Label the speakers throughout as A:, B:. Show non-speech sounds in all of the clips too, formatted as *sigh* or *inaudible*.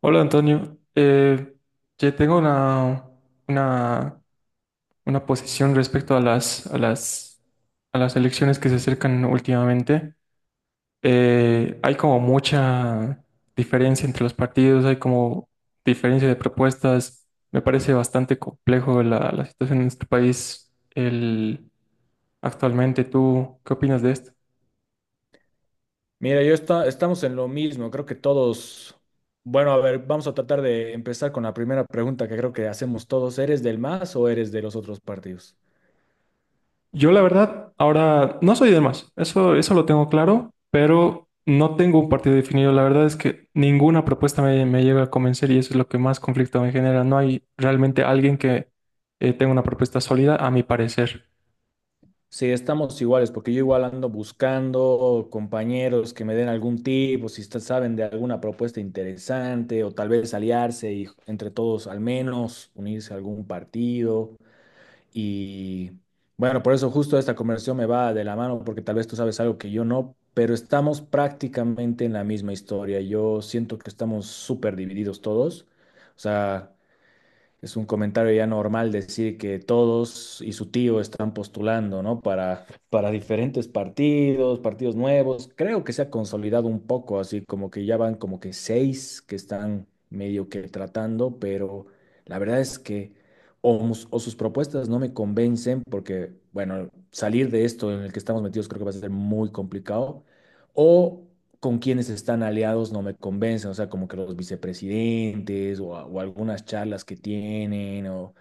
A: Hola Antonio, yo tengo una, una posición respecto a a las elecciones que se acercan últimamente. Hay como mucha diferencia entre los partidos, hay como diferencia de propuestas. Me parece bastante complejo la situación en nuestro país actualmente. ¿Tú qué opinas de esto?
B: Mira, yo estamos en lo mismo, creo que todos, bueno, a ver, vamos a tratar de empezar con la primera pregunta que creo que hacemos todos, ¿eres del MAS o eres de los otros partidos?
A: Yo la verdad, ahora no soy de más, eso lo tengo claro, pero no tengo un partido definido. La verdad es que ninguna propuesta me llega a convencer y eso es lo que más conflicto me genera. No hay realmente alguien que tenga una propuesta sólida, a mi parecer.
B: Sí, estamos iguales, porque yo igual ando buscando compañeros que me den algún tip, o si está- saben de alguna propuesta interesante, o tal vez aliarse y entre todos al menos unirse a algún partido. Y bueno, por eso justo esta conversación me va de la mano, porque tal vez tú sabes algo que yo no, pero estamos prácticamente en la misma historia. Yo siento que estamos súper divididos todos. O sea, es un comentario ya normal decir que todos y su tío están postulando, ¿no? Para diferentes partidos, partidos nuevos. Creo que se ha consolidado un poco, así como que ya van como que seis que están medio que tratando, pero la verdad es que o sus propuestas no me convencen porque, bueno, salir de esto en el que estamos metidos creo que va a ser muy complicado. O con quienes están aliados no me convencen, o sea, como que los vicepresidentes o algunas charlas que tienen, o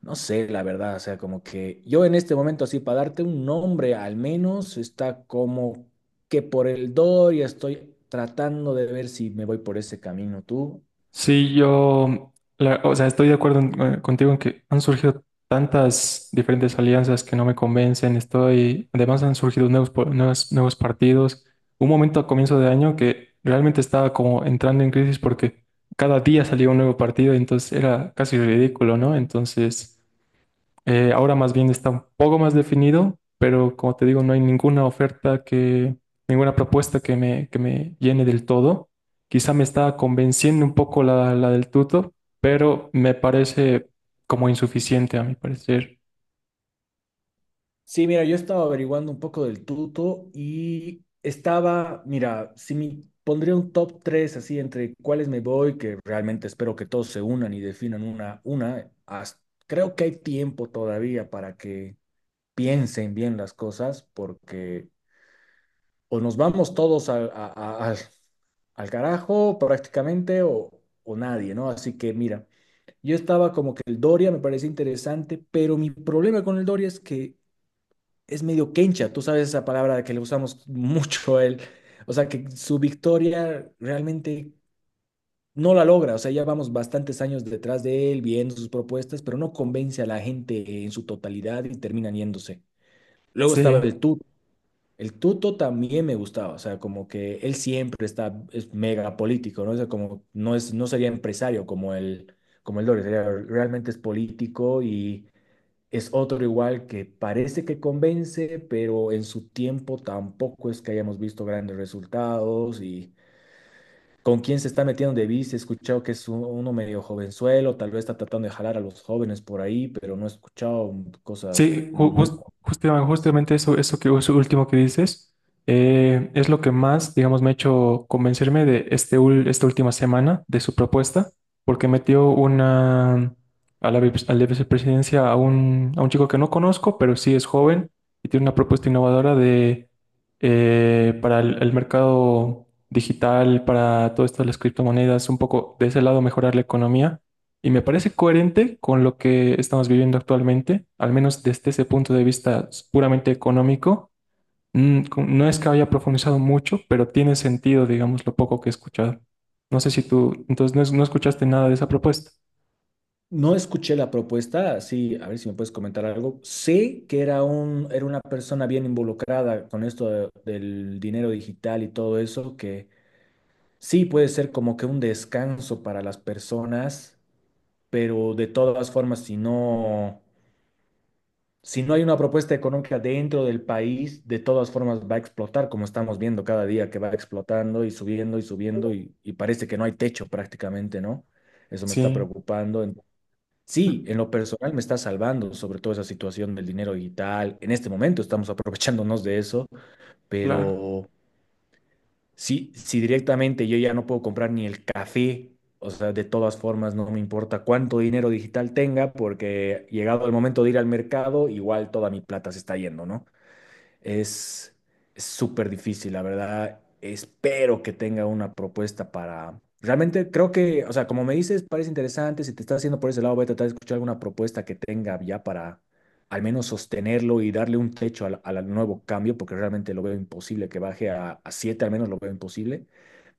B: no sé, la verdad, o sea, como que yo en este momento, así, para darte un nombre al menos, está como que por el Doria estoy tratando de ver si me voy por ese camino tú.
A: Sí, yo, estoy de acuerdo contigo en que han surgido tantas diferentes alianzas que no me convencen. Estoy, además han surgido nuevos partidos. Un momento a comienzo de año que realmente estaba como entrando en crisis porque cada día salía un nuevo partido, entonces era casi ridículo, ¿no? Entonces, ahora más bien está un poco más definido, pero como te digo, no hay ninguna oferta ninguna propuesta que me llene del todo. Quizá me está convenciendo un poco la del tuto, pero me parece como insuficiente a mi parecer.
B: Sí, mira, yo estaba averiguando un poco del tuto y estaba, mira, si me pondría un top 3 así entre cuáles me voy, que realmente espero que todos se unan y definan creo que hay tiempo todavía para que piensen bien las cosas, porque o nos vamos todos al, a- al- al carajo prácticamente o nadie, ¿no? Así que mira, yo estaba como que el Doria me parece interesante, pero mi problema con el Doria es que es medio quencha, tú sabes esa palabra que le usamos mucho a él, o sea que su victoria realmente no la logra, o sea, ya vamos bastantes años detrás de él viendo sus propuestas, pero no convence a la gente en su totalidad y terminan yéndose. Luego estaba
A: Sí.
B: el Tuto también me gustaba, o sea, como que él siempre está, es mega político, ¿no? O sea, como no es, no sería empresario como el Doris, realmente es político y es otro igual que parece que convence, pero en su tiempo tampoco es que hayamos visto grandes resultados. Y con quién se está metiendo de vice, he escuchado que es uno medio jovenzuelo, tal vez está tratando de jalar a los jóvenes por ahí, pero no he escuchado cosas
A: Sí,
B: muy…
A: justamente eso último que dices es lo que más, digamos, me ha hecho convencerme de esta última semana de su propuesta, porque metió una a a la vicepresidencia a a un chico que no conozco, pero sí es joven y tiene una propuesta innovadora de para el mercado digital, para todas estas las criptomonedas, un poco de ese lado mejorar la economía. Y me parece coherente con lo que estamos viviendo actualmente, al menos desde ese punto de vista puramente económico. No es que haya profundizado mucho, pero tiene sentido, digamos, lo poco que he escuchado. No sé si tú, entonces, no escuchaste nada de esa propuesta.
B: No escuché la propuesta, sí, a ver si me puedes comentar algo. Sé que era un, era una persona bien involucrada con esto del dinero digital y todo eso, que sí puede ser como que un descanso para las personas, pero de todas formas, si no, si no hay una propuesta económica dentro del país, de todas formas va a explotar, como estamos viendo cada día que va explotando y subiendo y subiendo y parece que no hay techo prácticamente, ¿no? Eso me está
A: Sí,
B: preocupando. En- Sí,
A: mm,
B: en lo personal me está salvando, sobre todo esa situación del dinero digital. En este momento estamos aprovechándonos de eso,
A: claro.
B: pero si, si directamente yo ya no puedo comprar ni el café, o sea, de todas formas no me importa cuánto dinero digital tenga, porque llegado el momento de ir al mercado, igual toda mi plata se está yendo, ¿no? Es es súper difícil, la verdad. Espero que tenga una propuesta para… Realmente creo que, o sea, como me dices, parece interesante. Si te estás haciendo por ese lado, voy a tratar de escuchar alguna propuesta que tenga ya para al menos sostenerlo y darle un techo al, al nuevo cambio, porque realmente lo veo imposible que baje a siete, al menos lo veo imposible.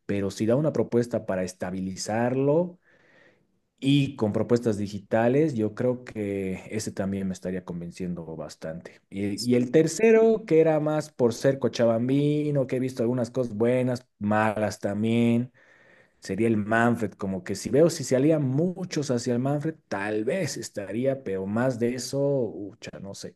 B: Pero si da una propuesta para estabilizarlo, y con propuestas digitales, yo creo que ese también me estaría convenciendo bastante. Y el tercero, que era más por ser cochabambino, que he visto algunas cosas buenas, malas también, sería el Manfred. Como que si veo si se alían muchos hacia el Manfred, tal vez estaría, pero más de eso, ucha, no sé.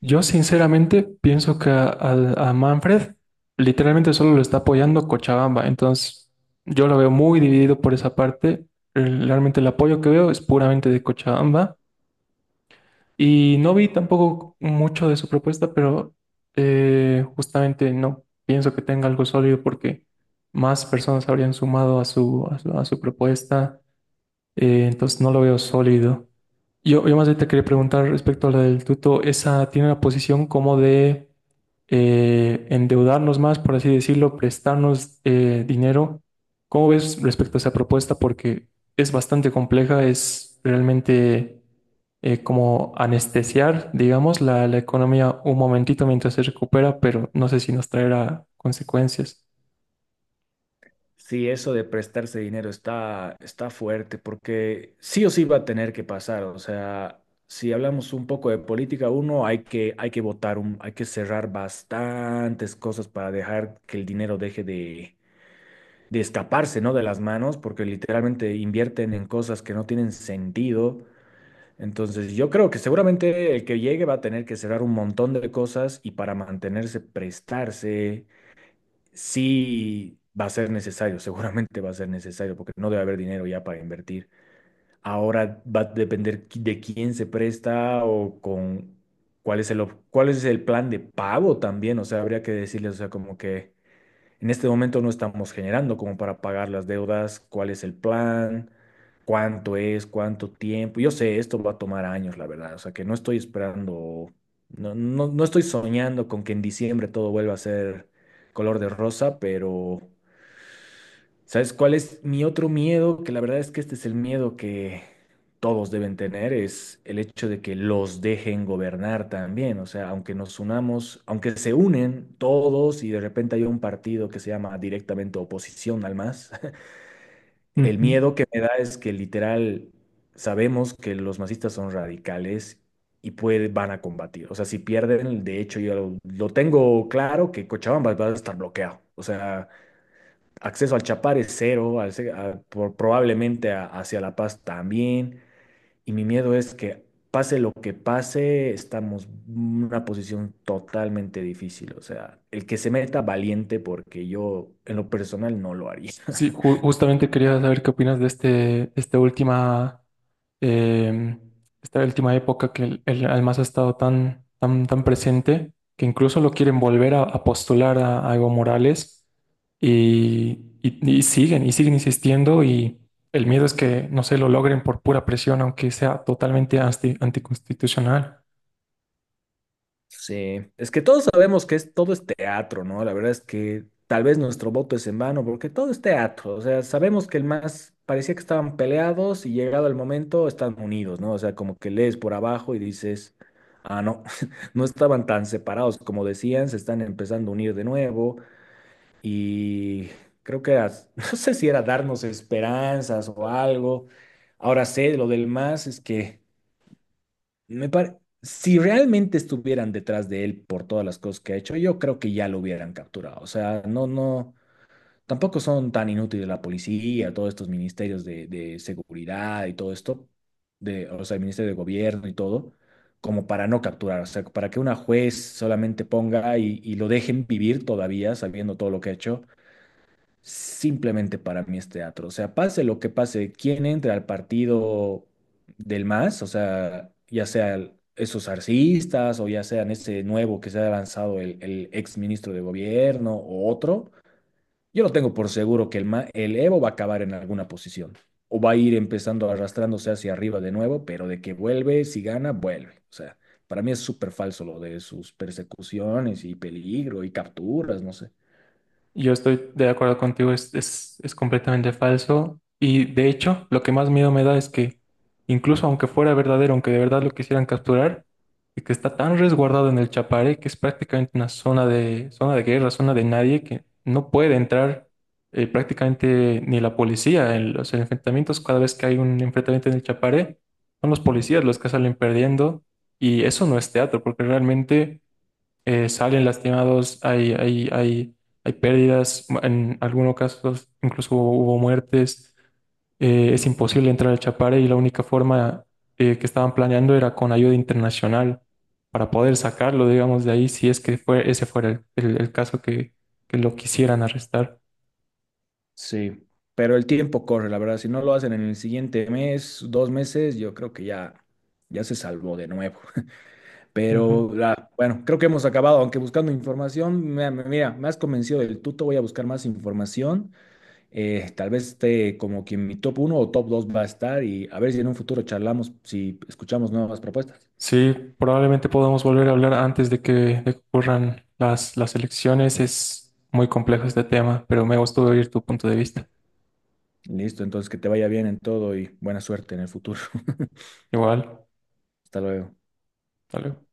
A: Yo sinceramente pienso que a Manfred literalmente solo lo está apoyando Cochabamba, entonces yo lo veo muy dividido por esa parte. Realmente el apoyo que veo es puramente de Cochabamba. Y no vi tampoco mucho de su propuesta, pero justamente no pienso que tenga algo sólido porque más personas habrían sumado a a su propuesta, entonces no lo veo sólido. Yo más bien te quería preguntar respecto a la del tuto, esa tiene una posición como de endeudarnos más, por así decirlo, prestarnos dinero. ¿Cómo ves respecto a esa propuesta? Porque es bastante compleja, es realmente como anestesiar, digamos, la economía un momentito mientras se recupera, pero no sé si nos traerá consecuencias.
B: Sí, eso de prestarse dinero está, está fuerte porque sí o sí va a tener que pasar. O sea, si hablamos un poco de política, uno hay que votar, hay que cerrar bastantes cosas para dejar que el dinero deje de escaparse, ¿no? De las manos, porque literalmente invierten en cosas que no tienen sentido. Entonces, yo creo que seguramente el que llegue va a tener que cerrar un montón de cosas y para mantenerse, prestarse. Sí va a ser necesario, seguramente va a ser necesario, porque no debe haber dinero ya para invertir. Ahora va a depender de quién se presta o con cuál es el plan de pago también. O sea, habría que decirles, o sea, como que en este momento no estamos generando como para pagar las deudas, cuál es el plan, cuánto es, cuánto tiempo. Yo sé, esto va a tomar años, la verdad. O sea, que no estoy esperando, no estoy soñando con que en diciembre todo vuelva a ser color de rosa, pero ¿sabes cuál es mi otro miedo? Que la verdad es que este es el miedo que todos deben tener, es el hecho de que los dejen gobernar también. O sea, aunque nos unamos, aunque se unen todos y de repente hay un partido que se llama directamente oposición al MAS, *laughs* el
A: Ujú.
B: miedo que me da es que literal sabemos que los masistas son radicales y van a combatir. O sea, si pierden, de hecho yo lo tengo claro que Cochabamba va a estar bloqueado. O sea… Acceso al Chapar es cero, al ce- a- por- probablemente hacia La Paz también. Y mi miedo es que pase lo que pase, estamos en una posición totalmente difícil. O sea, el que se meta valiente, porque yo en lo personal no lo haría.
A: Sí,
B: *laughs*
A: justamente quería saber qué opinas de em, esta última época que el Almazo ha estado tan presente, que incluso lo quieren volver a postular a Evo Morales y siguen insistiendo y el miedo es que no se lo logren por pura presión, aunque sea totalmente anticonstitucional.
B: Sí, es que todos sabemos que es, todo es teatro, ¿no? La verdad es que tal vez nuestro voto es en vano, porque todo es teatro. O sea, sabemos que el más parecía que estaban peleados y llegado el momento están unidos, ¿no? O sea, como que lees por abajo y dices, ah, no, *laughs* no estaban tan separados como decían, se están empezando a unir de nuevo y creo que era, *laughs* no sé si era darnos esperanzas o algo. Ahora sé, lo del más es que. Si realmente estuvieran detrás de él por todas las cosas que ha hecho, yo creo que ya lo hubieran capturado. O sea, tampoco son tan inútiles la policía, todos estos ministerios de seguridad y todo esto, de, o sea, el ministerio de gobierno y todo, como para no capturar. O sea, para que una juez solamente ponga y lo dejen vivir todavía sabiendo todo lo que ha hecho, simplemente para mí es teatro. O sea, pase lo que pase, quien entre al partido del MAS, o sea, ya sean esos arcistas o ya sean ese nuevo que se ha lanzado el ex ministro de gobierno o otro, yo lo tengo por seguro que el Evo va a acabar en alguna posición o va a ir empezando arrastrándose hacia arriba de nuevo, pero de que vuelve, si gana, vuelve. O sea, para mí es súper falso lo de sus persecuciones y peligro y capturas, no sé.
A: Yo estoy de acuerdo contigo, es completamente falso. Y de hecho, lo que más miedo me da es que, incluso aunque fuera verdadero, aunque de verdad lo quisieran capturar, y que está tan resguardado en el Chaparé, que es prácticamente una zona zona de guerra, zona de nadie, que no puede entrar prácticamente ni la policía. En los enfrentamientos, cada vez que hay un enfrentamiento en el Chaparé, son los policías los que salen perdiendo. Y eso no es teatro, porque realmente salen lastimados, hay pérdidas, en algunos casos incluso hubo muertes, es imposible entrar al Chapare y la única forma que estaban planeando era con ayuda internacional para poder sacarlo, digamos, de ahí, si es que fue, ese fuera el caso que lo quisieran arrestar.
B: Sí, pero el tiempo corre, la verdad. Si no lo hacen en el siguiente mes, dos meses, yo creo que ya se salvó de nuevo.
A: Ujú.
B: Pero la- bueno, creo que hemos acabado, aunque buscando información, mira, me has convencido del tuto, voy a buscar más información. Tal vez esté como que en mi top uno o top 2 va a estar, y a ver si en un futuro charlamos, si escuchamos nuevas propuestas.
A: Sí, probablemente podamos volver a hablar antes de de que ocurran las elecciones. Es muy complejo este tema, pero me gustó oír tu punto de vista.
B: Listo, entonces que te vaya bien en todo y buena suerte en el futuro. *laughs*
A: Igual,
B: Hasta luego.
A: hasta luego.